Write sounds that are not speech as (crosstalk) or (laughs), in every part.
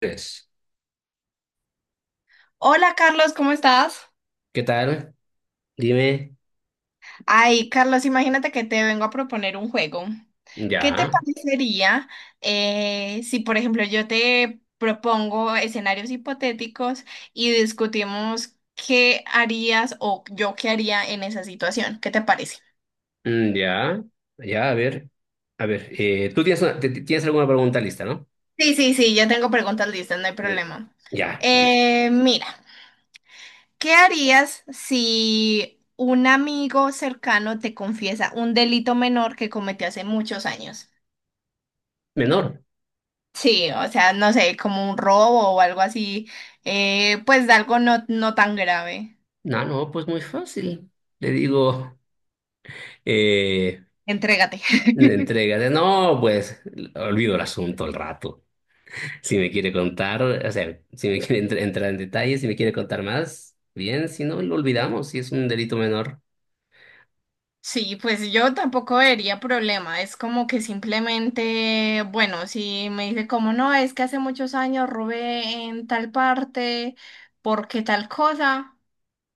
Tres. Hola Carlos, ¿cómo estás? ¿Qué tal? Dime. Ay, Carlos, imagínate que te vengo a proponer un juego. ¿Qué te Ya, parecería si, por ejemplo, yo te propongo escenarios hipotéticos y discutimos qué harías o yo qué haría en esa situación? ¿Qué te parece? Ya, ya, a ver. A ver, tú tienes, tienes alguna pregunta lista, ¿no? Sí, sí, sí, ya tengo preguntas listas, no hay Eh, problema. Ya, listo. Mira, ¿qué harías si un amigo cercano te confiesa un delito menor que cometió hace muchos años? Menor. Sí, o sea, no sé, como un robo o algo así, pues de algo no tan grave. No, no, pues muy fácil. Le digo, eh, Entrégate. (laughs) entrégate. No, pues olvido el asunto al rato. Si me quiere contar, o sea, si me quiere entrar en detalles, si me quiere contar más, bien, si no, lo olvidamos, si es un delito menor. Sí, pues yo tampoco vería problema. Es como que simplemente, bueno, si me dice como no, es que hace muchos años robé en tal parte, porque tal cosa,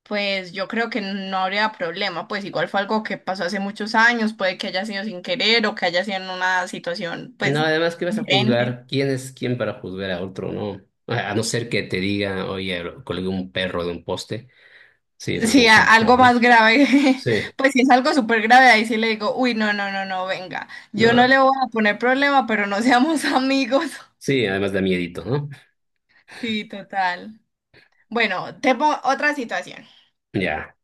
pues yo creo que no habría problema. Pues igual fue algo que pasó hace muchos años, puede que haya sido sin querer o que haya sido en una situación, No, pues, además que vas a diferente. juzgar, ¿quién es quién para juzgar a otro, no? A no ser que te diga, oye, colgué un perro de un poste. Sí, eso es Sí, mucho más feo, algo ¿no? más grave. (laughs) Sí, Pues si es algo súper grave, ahí sí le digo, uy, no, no, no, no, venga. Yo no no, le voy a poner problema, pero no seamos (laughs) amigos. sí, además da miedito, ¿no? Sí, total. Bueno, te pongo otra situación. Ya.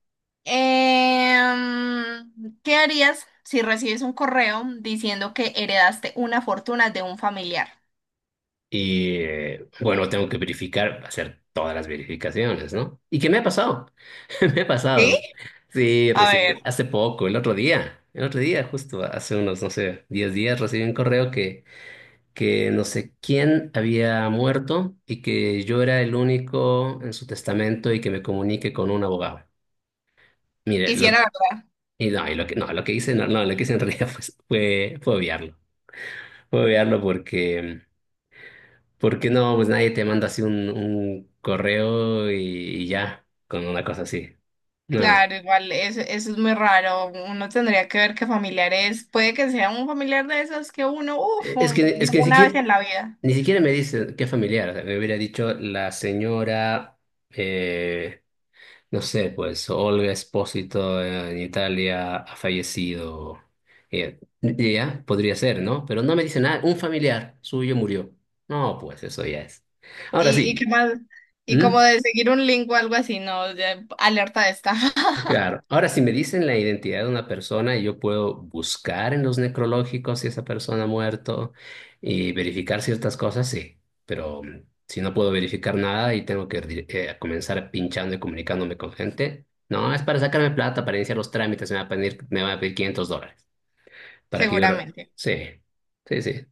¿Qué harías si recibes un correo diciendo que heredaste una fortuna de un familiar? Y bueno, tengo que verificar, hacer todas las verificaciones, ¿no? ¿Y qué me ha pasado? (laughs) Me ha ¿Sí? pasado. Sí, A recibí ver, hace poco, el otro día, justo hace unos, no sé, 10 días, recibí un correo que no sé quién había muerto y que yo era el único en su testamento y que me comunique con un abogado. Mire, y si lo, era verdad. y no, y lo que, no, lo que hice, no, no, lo que hice en (laughs) realidad fue obviarlo. Fue obviarlo porque no, pues nadie te manda así un correo y ya, con una cosa así. No. Claro, igual eso es muy raro. Uno tendría que ver qué familiar es. Puede que sea un familiar de esos que uno, uff, E, Es que, es vio que ni una siquiera, vez en la vida. ni siquiera me dice qué familiar. O sea, me hubiera dicho la señora eh, no sé, pues Olga Espósito en Italia ha fallecido. Y ya, podría ser, ¿no? Pero no me dice nada. Un familiar suyo murió. No, pues eso ya es. Ahora Y qué sí. más, y ¿Mm? como de seguir un link o algo así, no. Ya, alerta de esta, (laughs) Claro. Ahora, si me dicen la identidad de una persona, yo puedo buscar en los necrológicos si esa persona ha muerto y verificar ciertas cosas, sí. Pero si no puedo verificar nada y tengo que comenzar pinchando y comunicándome con gente, no, es para sacarme plata, para iniciar los trámites, me va a pedir $500 para que yo. seguramente. Sí, sí, sí.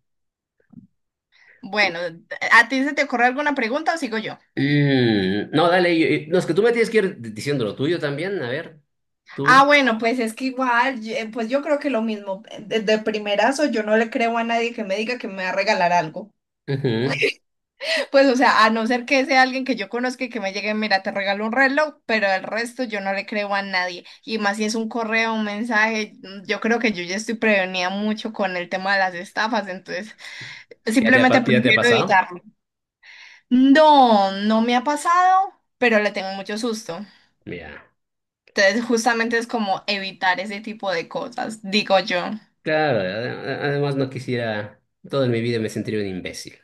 Bueno, ¿a ti se te ocurre alguna pregunta o sigo yo? Mm, no, dale, no, es que tú me tienes que ir diciendo lo tuyo también, a ver, Ah, tú. bueno, pues es que igual, pues yo creo que lo mismo. De primerazo, yo no le creo a nadie que me diga que me va a regalar algo. Ujú. Pues, o sea, a no ser que sea alguien que yo conozca y que me llegue, mira, te regalo un reloj, pero el resto yo no le creo a nadie. Y más si es un correo, un mensaje, yo creo que yo ya estoy prevenida mucho con el tema de las estafas, entonces ¿Ya te ha, simplemente pa- ya te ha prefiero pasado? evitarlo. No, no me ha pasado, pero le tengo mucho susto. Ya. Entonces, justamente es como evitar ese tipo de cosas, digo yo. Claro, además no quisiera, toda mi vida me sentiría un imbécil.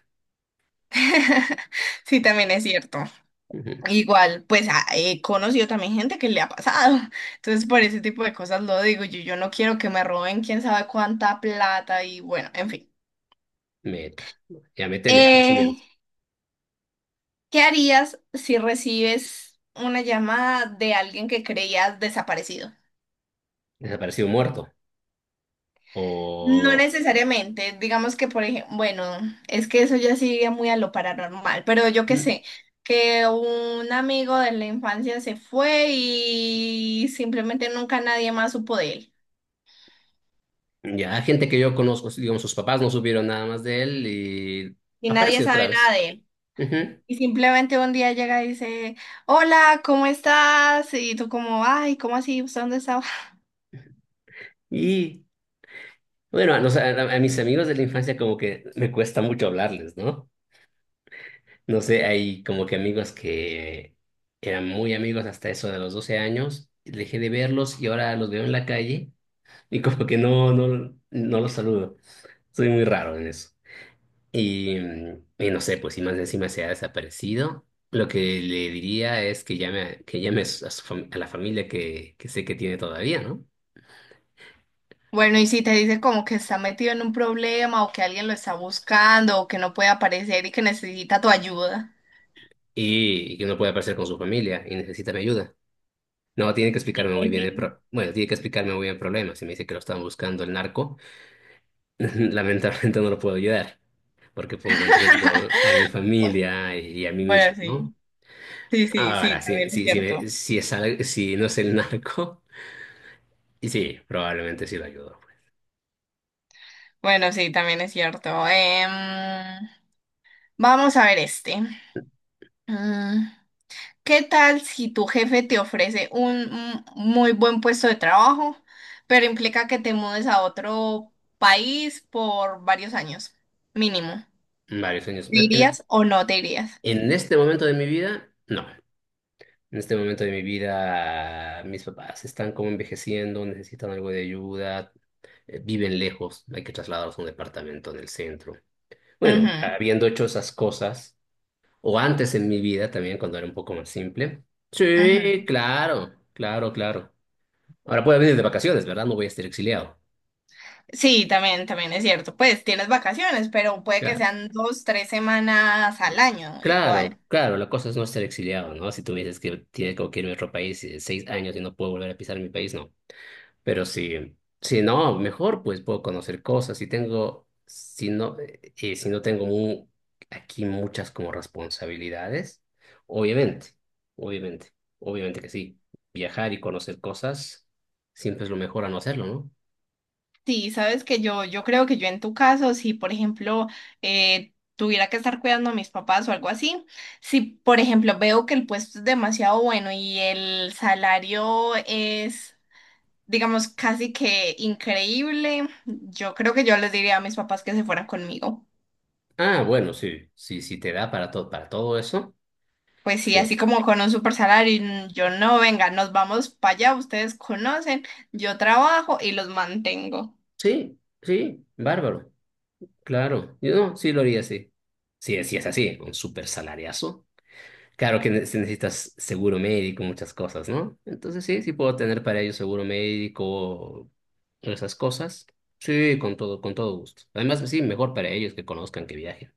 (laughs) Sí, también es cierto. Ujú. Igual, pues he conocido también gente que le ha pasado. (laughs) Entonces, por ese tipo de cosas lo digo. Yo no quiero que me roben quién sabe cuánta plata y bueno, en fin. Meta. Ya métele, la Eh, siguiente. ¿Qué harías si recibes una llamada de alguien que creías desaparecido? Desaparecido muerto. No O necesariamente, digamos que por ejemplo, bueno, es que eso ya sigue muy a lo paranormal, pero yo qué mm, sé, que un amigo de la infancia se fue y simplemente nunca nadie más supo de él. ya gente que yo conozco, digamos, sus papás no supieron nada más de él y Y nadie aparece otra sabe nada vez. de él. Ujú. Y simplemente un día llega y dice, hola, ¿cómo estás? Y tú como, ay, ¿cómo así? ¿Usted dónde estaba? (laughs) Y bueno, a mis amigos de la infancia como que me cuesta mucho hablarles, ¿no? No sé, hay como que amigos que eran muy amigos hasta eso de los 12 años, dejé de verlos y ahora los veo en la calle. Y como que no, no, no los saludo. Soy muy raro en eso. Y no sé, pues si más encima se ha desaparecido, lo que le diría es que llame, a la familia que sé que tiene todavía, ¿no? Bueno, y si te dice como que está metido en un problema o que alguien lo está buscando o que no puede aparecer y que necesita tu ayuda. Y que no puede aparecer con su familia y necesita mi ayuda. No, En fin. Tiene que explicarme muy bien el problema. Si me dice que lo están buscando el narco, (laughs) lamentablemente no lo puedo ayudar, porque pongo en riesgo a (laughs) mi familia y a mí Bueno, mismo, ¿no? sí, sí, sí, Ahora, sí, si, también es si, si, cierto. me- si es al- si no es el narco, (laughs) y sí, probablemente sí lo ayudo. Bueno, sí, también es cierto. Vamos a ver este. Mm. ¿Qué tal si tu jefe te ofrece un muy buen puesto de trabajo, pero implica que te mudes a otro país por varios años, mínimo? Pues, varios años. ¿Te En, irías o no te irías? en este momento de mi vida, no. En este momento de mi vida, mis papás están como envejeciendo, necesitan algo de ayuda, viven lejos, hay que trasladarlos a un departamento en el centro. Bueno, Ujú, habiendo hecho esas cosas, o antes en mi vida también, cuando era un poco más simple. ujú. Sí, claro, claro, claro. Ahora puedo venir de vacaciones, ¿verdad? No voy a estar exiliado. Sí, también, también es cierto. Pues tienes vacaciones, pero puede que Claro. sean dos, tres semanas al año, Claro, igual. claro, la cosa es no ser exiliado, ¿no? Si tú me dices que tiene que irme a otro país y 6 años y no puedo volver a pisar mi país, no. Pero si no, mejor pues puedo conocer cosas. Si tengo, si no, si no tengo aquí muchas como responsabilidades, obviamente, obviamente, obviamente que sí. Viajar y conocer cosas siempre es lo mejor a no hacerlo, ¿no? Sí, sabes que yo creo que yo en tu caso, si por ejemplo tuviera que estar cuidando a mis papás o algo así, si por ejemplo veo que el puesto es demasiado bueno y el salario es, digamos, casi que increíble, yo creo que yo les diría a mis papás que se fueran conmigo. Ah, bueno, sí, sí, sí te da para todo eso. Pues sí, Sí, así como con un super salario, y yo no, venga, nos vamos para allá, ustedes conocen, yo trabajo y los mantengo. sí, sí, bárbaro. Claro, yo no, sí lo haría así. Sí, sí es así, un súper salariazo. Claro que si necesitas seguro médico, muchas cosas, ¿no? Entonces sí, sí puedo tener para ello seguro médico, esas cosas. Sí, con todo gusto. Además, sí, mejor para ellos que conozcan, que viajen.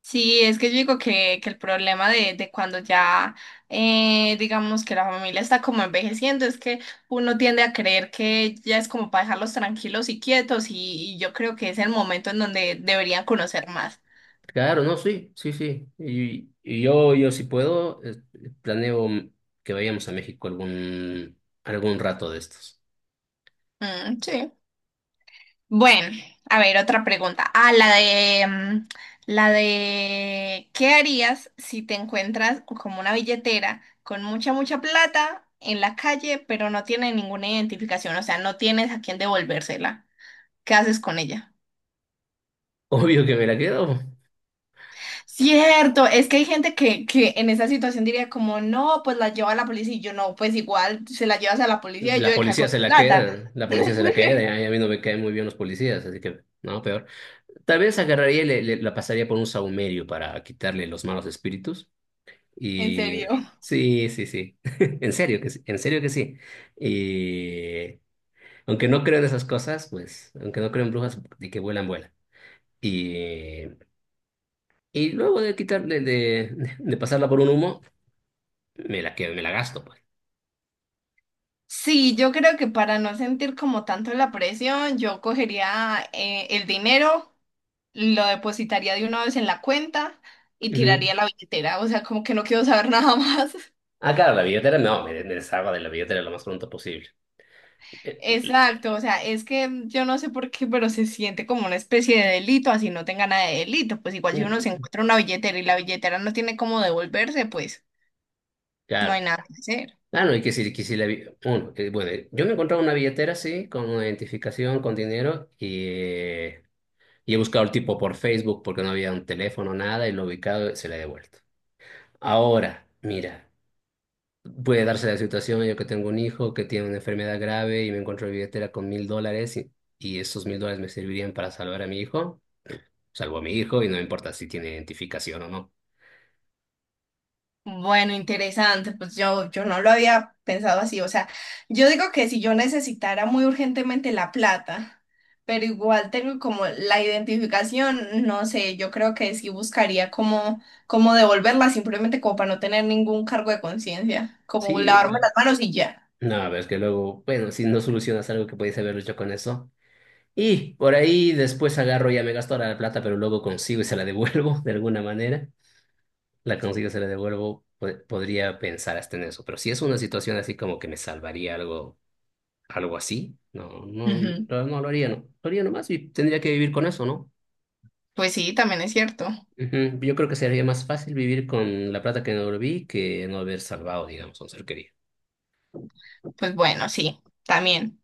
Sí, es que yo digo que el problema de cuando ya, digamos que la familia está como envejeciendo, es que uno tiende a creer que ya es como para dejarlos tranquilos y quietos y yo creo que es el momento en donde deberían conocer más. Claro, no, sí, sí, sí. Y yo si puedo, planeo que vayamos a México algún rato de estos. Mm, sí. Bueno, a ver, otra pregunta. Ah, la de, la de, ¿qué harías si te encuentras como una billetera con mucha, mucha plata en la calle, pero no tiene ninguna identificación? O sea, no tienes a quién devolvérsela. ¿Qué haces con ella? (laughs) Obvio que me la quedo. Cierto, es que hay gente que en esa situación diría como, no, pues la lleva a la policía y yo no, pues igual se la llevas a la policía y yo La de cago policía se en la plata. queda, la policía se la queda, (laughs) y a mí no me caen muy bien los policías, así que no, peor. Tal vez agarraría y la pasaría por un sahumerio para quitarle los malos espíritus. En Y serio. sí, sí, sí, (laughs) en serio que sí, en serio que sí. Y aunque no creo en esas cosas, pues, aunque no creo en brujas, de que vuelan, vuelan. Y, y luego de quitarle, de pasarla por un humo, me la quedo, me la gasto, pues. Sí, yo creo que para no sentir como tanto la presión, yo cogería el dinero, lo depositaría de una vez en la cuenta y Ujú. tiraría la billetera. O sea, como que no quiero saber (laughs) nada más. Ah, claro, la billetera no, me deshago de la billetera lo más pronto posible. Eh, Exacto, o sea, es que yo no sé por qué, pero se siente como una especie de delito, así no tenga nada de delito. Pues igual si uno se Mm, encuentra una billetera y la billetera no tiene cómo devolverse, pues no hay claro. nada que hacer. Ah, no, y que si la yo me he encontrado una billetera así, con una identificación, con dinero, y he buscado el tipo por Facebook porque no había un teléfono, nada, y lo he ubicado, se la he devuelto. Ahora, mira, puede darse la situación, yo que tengo un hijo que tiene una enfermedad grave y me encuentro la billetera con $1000 y esos $1000 me servirían para salvar a mi hijo, salvo a mi hijo y no me importa si tiene identificación o no. Bueno, interesante, pues yo no lo había pensado así, o sea, yo digo que si yo necesitara muy urgentemente la plata, pero igual tengo como la identificación, no sé, yo creo que sí buscaría cómo, cómo devolverla, simplemente como para no tener ningún cargo de conciencia, como Sí, lavarme las manos y ya. no, a ver, es que luego, bueno, si no solucionas algo que podías haber hecho con eso. Y por ahí después agarro, ya me gasto la plata, pero luego consigo y se la devuelvo (laughs) de alguna manera. La consigo, se la devuelvo. Podría pensar hasta en eso. Pero si es una situación así como que me salvaría algo, algo así, no, no, Ujú. no, no lo haría, no. Lo haría nomás y tendría que vivir con eso, ¿no? Pues sí, también es cierto. Ujú. Yo creo que sería más fácil vivir con la plata que no devolví que no haber salvado, digamos, a un ser querido. Pues bueno, sí, también.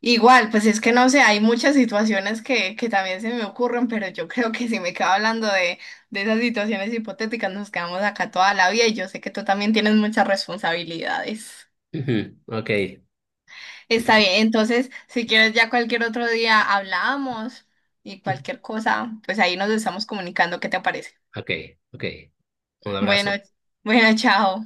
Igual, pues es que no sé, hay muchas situaciones que también se me ocurren, pero yo (laughs) creo que si me quedo hablando de esas situaciones hipotéticas, nos quedamos acá toda la vida y yo sé que tú también tienes muchas responsabilidades. Ujú. Ok, Está entonces, bien, entonces, si quieres, ya cualquier otro día hablamos y cualquier cosa, pues ahí nos estamos comunicando, ¿qué te parece? ok, ok. Un Bueno, abrazo. bueno, chao.